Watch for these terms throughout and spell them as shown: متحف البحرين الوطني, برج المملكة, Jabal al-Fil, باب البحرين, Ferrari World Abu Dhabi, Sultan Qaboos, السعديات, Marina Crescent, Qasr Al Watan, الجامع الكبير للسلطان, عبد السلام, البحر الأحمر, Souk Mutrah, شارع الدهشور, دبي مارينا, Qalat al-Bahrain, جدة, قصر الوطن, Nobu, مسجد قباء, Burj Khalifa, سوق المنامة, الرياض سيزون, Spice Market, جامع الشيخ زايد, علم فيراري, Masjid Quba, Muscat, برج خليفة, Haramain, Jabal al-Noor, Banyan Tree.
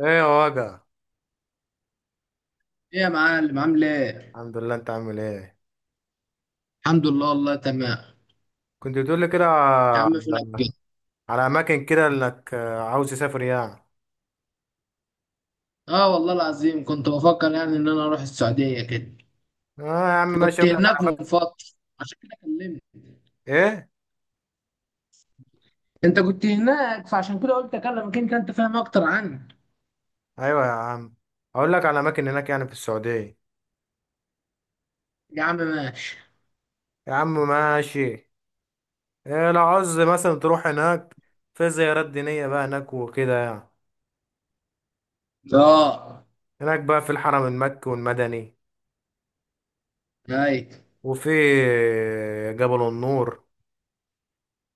ايه يا وجع. ايه يا معلم، عامل ايه؟ الحمد لله، انت عامل ايه؟ الحمد لله والله تمام. كنت بتقول لي كده يا عم فينك على كده؟ على اماكن كده انك عاوز تسافر يعني. اه والله العظيم كنت بفكر يعني ان انا اروح السعودية كده. اه يا عم ماشي، كنت اقول لك على هناك من اماكن. فترة عشان كده كلمت. ايه؟ انت كنت هناك فعشان كده قلت اكلمك، انت انت فاهم اكتر عني. ايوه يا عم. اقول لك على اماكن هناك يعني في السعوديه. يا عم ماشي. يا عم ماشي. إيه، لو عاوز مثلا تروح هناك في زيارات دينيه بقى هناك وكده يعني. اه. هناك بقى في الحرم المكي والمدني، ايوه. وفي جبل النور،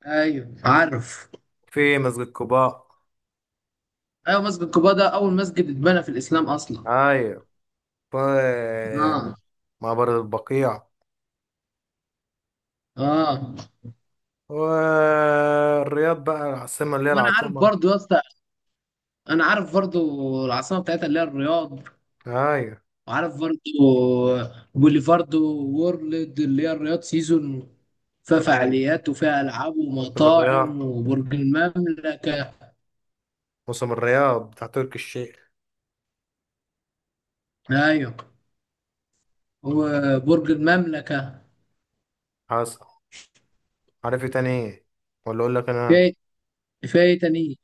ايوه عارف. في مسجد قباء. ايوه، مسجد قباء ده اول مسجد اتبنى في الاسلام اصلا. ايوه. في اه. مقبره البقيع، اه والرياض بقى العاصمة اللي هي وانا عارف العاصمة. برضو يا اسطى، انا عارف برضو. العاصمة بتاعتها اللي هي الرياض. أيوة، وعارف برضو بوليفاردو وورلد اللي هي الرياض سيزون، فيها أيوة. فعاليات وفيها ألعاب موسم ومطاعم الرياض. وبرج المملكة. موسم الرياض بتاع تركي الشيخ. أيوة وبرج المملكة. حصل. عارف إيه تاني؟ إيه؟ ولا أقول لك أنا. في في إيه تاني؟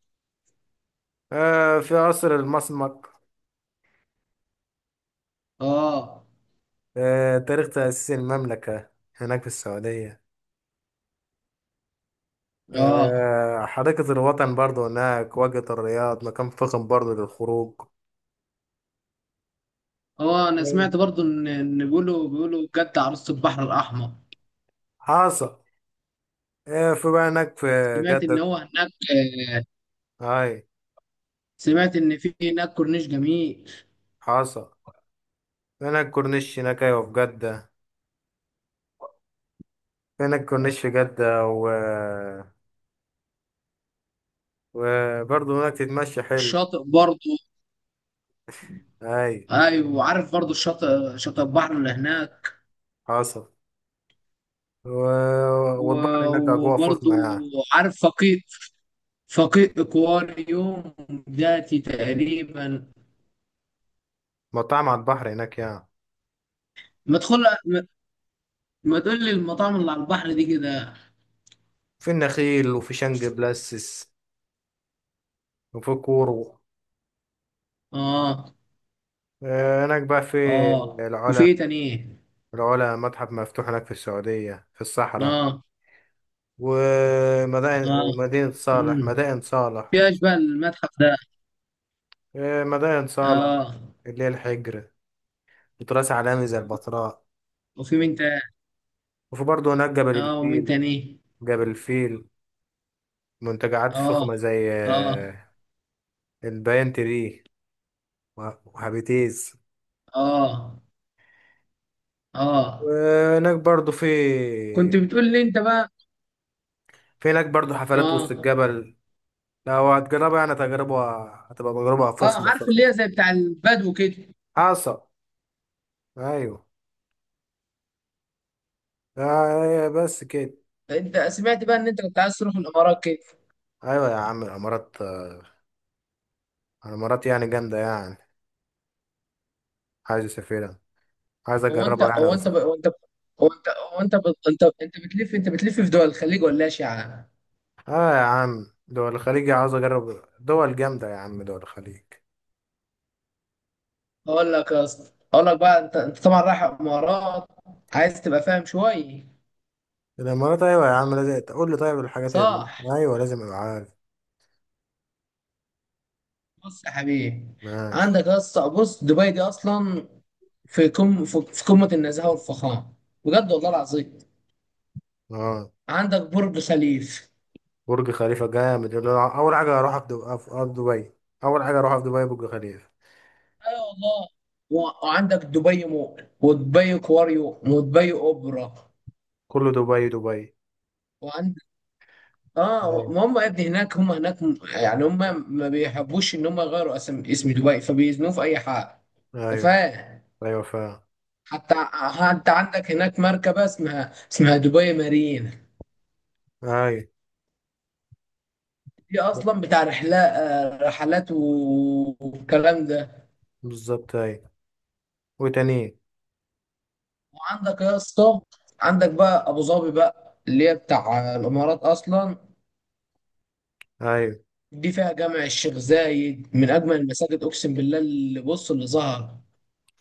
في قصر المسمك. آه. تاريخ تأسيس المملكة هناك في السعودية. آه حديقة الوطن برضو هناك، واجهة الرياض مكان فخم برضو للخروج. هو أنا أيوة. سمعت برضو إن بيقولوا جدة عروسة البحر الأحمر. حصل. في بقى هناك في سمعت إن جدة. هو هناك. آه، أي. سمعت إن في هناك كورنيش جميل. حصل. هناك كورنيش، هناك أيوة في جدة. هناك كورنيش في جدة وبرضه هناك تتمشى حلو. الشاطئ برضو. أي. أيوة وعارف برضو الشاطئ، شاطئ البحر اللي هناك. حصل. و... والبحر و- هناك أجواء وبرضو فخمة يعني. عارف فقيه، فقيه اكواريوم ذاتي تقريبا. مطاعم على البحر هناك يعني. ما تدخل. ما ما تقول لي المطاعم اللي على البحر دي كده. في النخيل وفي شنج بلاسس وفي كورو. اه. هناك بقى في اه وفي العلا. ايه تاني إيه؟ العلا متحف مفتوح هناك في السعودية في الصحراء. اه. اه. ومدينة صالح، امم مدائن صالح. في اشباه المتحف ده. مدائن صالح اه اللي هي الحجر، وتراث عالمي زي البتراء. وفي مين تاني؟ وفي برضه هناك جبل اه ومين الفيل. تاني؟ جبل الفيل. منتجعات اه. فخمة زي اه. البيان تري و- وهابيتيز. اه. اه. وهناك برضو في، كنت بتقول لي انت بقى. في هناك برضو حفلات وسط اه. الجبل. لو هتجربها يعني تجربة هتبقى تجربة اه فخمة عارف فخمة. اللي هي زي بتاع البدو كده. حصل. أيوة. بس كده. انت سمعت بقى ان انت كنت عايز تروح الامارات كده. أيوة يا عم، الإمارات، الإمارات يعني جامدة يعني. عايز أسافرها، عايز هو انت أجربها يعني هو انت أصلا. ب... هو انت انت بتلف، بتلف في دول الخليج ولا اشعه؟ آه يا عم، دول الخليج عاوز أجرب، دول جامدة يا عم دول الخليج. اقول لك يا اسطى، اقول لك بقى انت، طبعا رايح امارات، عايز تبقى فاهم شويه. الامارات ايوه يا عم، لازم تقول لي طيب الحاجات اللي... صح. ايوه لازم ابقى عارف. بص يا حبيبي، ماشي. عندك يا اسطى، بص دبي دي اصلا في كم في في قمه النزاهه والفخامه، بجد والله العظيم. اه، عندك برج خليف، برج خليفه جامد، يقول له اول حاجه هروح في في أرض دبي. اول حاجه هروح في دبي برج خليفه. اي والله. و- وعندك دبي مول ودبي كواريو ودبي اوبرا. كله دبي دبي. وعندك، اه، ايوه، ما هم يا ابني هناك، يعني هم ما بيحبوش ان هم يغيروا اسم دبي، فبيزنوه في اي حاجه، انت ايوه. فاهم. ايوه فعلا. حتى عندك هناك مركبه اسمها دبي مارينا، ايوه دي اصلا بتاع رحلات، رحلات و- والكلام ده. بالظبط ايوه. وتاني. وعندك يا اسطى، عندك بقى ابو ظبي بقى اللي هي بتاع الامارات اصلا، ايوه، دي فيها جامع الشيخ زايد من اجمل المساجد، اقسم بالله اللي بص اللي ظهر.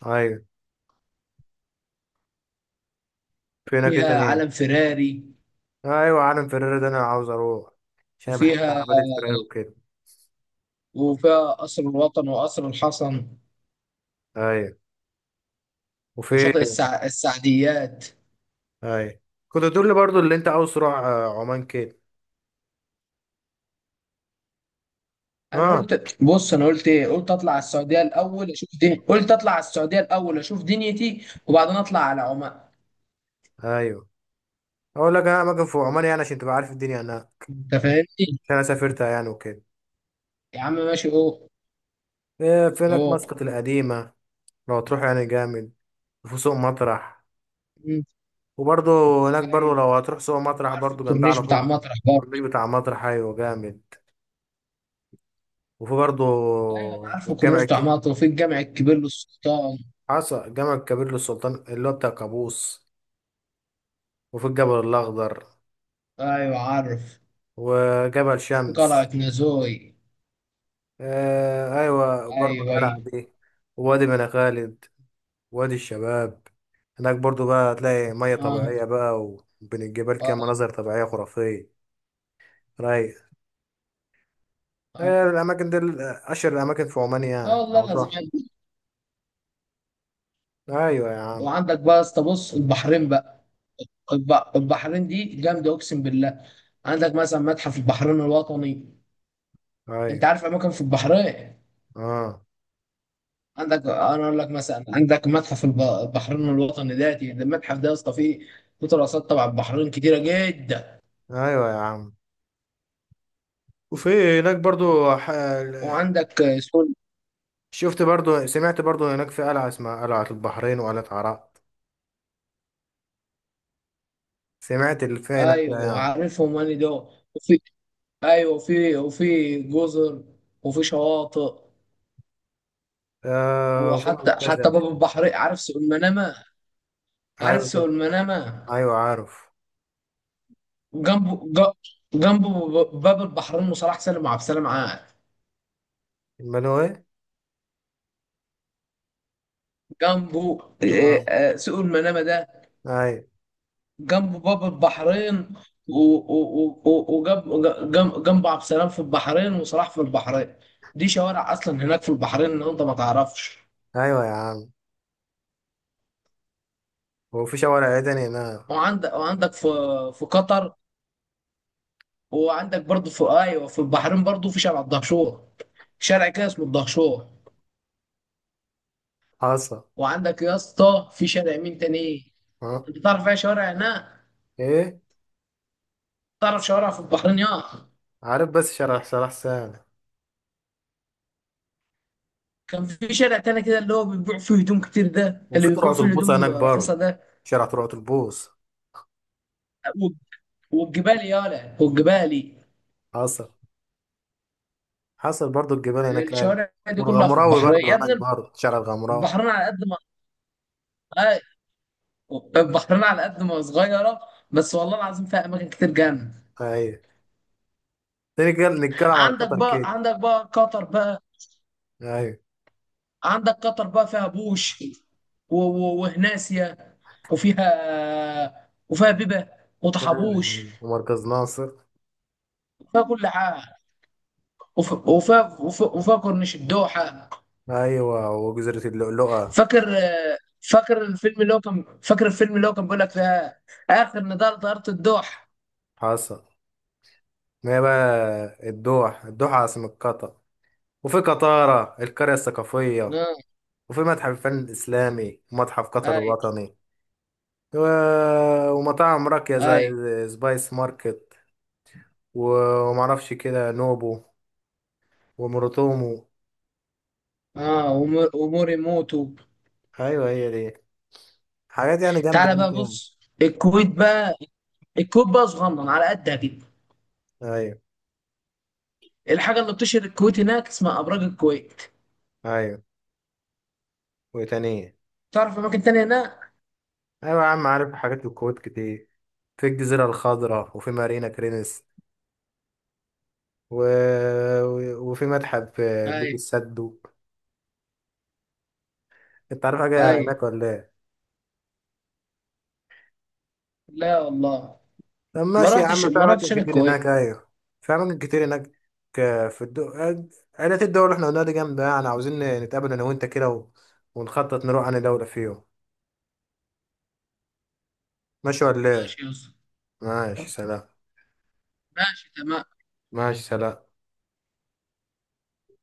ايوه. في هناك إيه وفيها تاني؟ علم فيراري. ايوه عالم فريري ده انا عاوز اروح، عشان أنا بحب وفيها عربيات الفراري وكده. وفيها قصر الوطن وقصر الحسن ايوه. وفي. وشاطئ السعديات. ايوه. كنت تقول لي برضو اللي انت عاوز تروح عمان كده. انا اه. قلت بص، انا قلت ايه، قلت اطلع على السعوديه الاول اشوف دنيتي وبعدين اطلع على عمان. ايوه. اقول لك انا اماكن في عمان يعني عشان تبقى عارف الدنيا انا. انت فاهمني. عشان انا سافرتها يعني وكده. يا عم ماشي. اوه. إيه، في هناك اوه. مسقط القديمه، لو هتروح يعني جامد. وفي سوق مطرح. مم. وبرضه هناك برضه ايوه لو هتروح سوق مطرح وعارف برضه جنبها الكورنيش على بتاع طول. مطرح برضه. الكورنيش بتاع مطرح ايوه جامد. وفي برضه ايوه انا عارف الجامع الكورنيش بتاع مطرح، وفي الجامع الكبير للسلطان. حصل، الجامع الكبير للسلطان اللي هو بتاع قابوس. وفي الجبل الاخضر، ايوه عارف. وجبل في قلعه شمس. نازوي. آه ايوه، برضه ايوه، القلعه ايوه. دي، ووادي بني خالد، وادي الشباب. هناك برضو بقى هتلاقي مية اه. طبيعية بقى، وبين الجبال كده اه. مناظر طبيعية خرافية. رايق. اه, هي الأماكن دي أشهر الأماكن في عمان آه يعني والله لو لازم. تروح. أيوة يا عم. وعندك بقى يا اسطى، بص البحرين بقى. البحرين دي جامده، اقسم بالله. عندك مثلا متحف البحرين الوطني. أيوة. انت عارف اماكن في البحرين؟ آه. عندك، انا اقول لك مثلا، عندك متحف البحرين الوطني ده، المتحف ده يا اسطى فيه، فيه تراثات تبع البحرين كتيره جدا. أيوة يا عم. وفي هناك برضو. ح... وعندك سول. شفت برضو، سمعت برضو هناك في قلعة اسمها قلعة البحرين وقلعة عراق. سمعت اللي فيها هناك فيها ايوه يعني. عارفهم انا دول. وفي، ايوه، وفي جزر وفي شواطئ. في وحتى منتزه. باب البحرين. عارف سوق المنامه؟ عارف أيوة سوق المنامه، أيوة عارف. جنبه ج- جنبه باب البحرين وصلاح سالم وعبد السلام عاد. المنوي. جنبه، آه. سوق المنامه ده، أيوة. جنبه باب البحرين. وجنبه عبد السلام في البحرين وصلاح في البحرين. دي شوارع اصلا هناك في البحرين ان انت ما تعرفش. أيوة يا عم. وفي شوارع عدن هناك. وعندك في، في قطر. وعندك برضه في، ايوه، في البحرين برضه في شارع الدهشور، شارع كده اسمه الدهشور. حصل. وعندك يا اسطى في شارع مين تاني؟ اه. انت تعرف ايه شوارع هناك؟ ايه. تعرف شوارع في البحرين يا... عارف، بس شارع سهل. كان في شارع تاني كده اللي هو بيبيع فيه هدوم كتير، ده اللي وفي بيبيع ترعة فيه البوص الهدوم هناك رخيصة برضه، ده. شارع ترعة البوص. والج- والجبال يالا والجبالي. حصل. حصل برضه الجبال هناك ايوه. الشوارع دي كلها في والغمراوي البحرين يا برضه هناك ابني. برضه شارع الغمراء. البحرين على قد ما آه، البحرين على قد ما صغيرة، بس والله العظيم فيها أماكن كتير جامدة. ايوه. تاني كده نتكلم على عندك قطر بقى كده. عندك بقى قطر بقى. ايوه. عندك قطر بقى فيها بوش، و- و- وهناسيا. وفيها وفيها بيبة وطحبوش أيوة. ومركز ناصر. وفيها كل حاجة. وف... وف... وف... وفاكر مش الدوحة. ايوه، وجزيرة اللؤلؤة. فاكر. فاكر الفيلم اللي هو كان فاكر الفيلم اللي هو كان بيقول لك فيها آخر نضال طيارة الدوحة. حصل. ما هي بقى الدوحة عاصمة قطر. وفي قطارة القرية الثقافية. آه. وفي متحف الفن الإسلامي ومتحف قطر أي. الوطني. و- ومطاعم راقية أي. زي سبايس ماركت، ومعرفش كده نوبو، ومروتومو. آه وم- ومور يموتوا. أيوة هي دي حاجات يعني جامدة تعالى هناك بقى يعني. بص الكويت بقى. الكويت بقى صغنن على قدها كده. أيوة. الحاجة اللي بتشهر الكويت هناك اسمها أبراج الكويت. أيوة وتانية. تعرف أماكن تانية هناك؟ أيوة يا عم، عارف حاجات في الكويت كتير. في الجزيرة الخضراء، وفي مارينا كرينس و... وفي متحف بيت أي. السدو. أنت عارف حاجة أي. هناك ولا إيه؟ لا والله. طب ماشي يا عم، في ما رحتش أماكن أنا كتير هناك الكويت. أيوة. في أماكن كتير هناك. آه، في الدو عائلات الدول اللي إحنا قلناها دي جامدة يعني. عاوزين نتقابل أنا وأنت كده ونخطط نروح أنا دولة فيهم. ماشي ولا إيه؟ ماشي يا أسطى. ماشي سلام. ماشي تمام. ماشي سلام.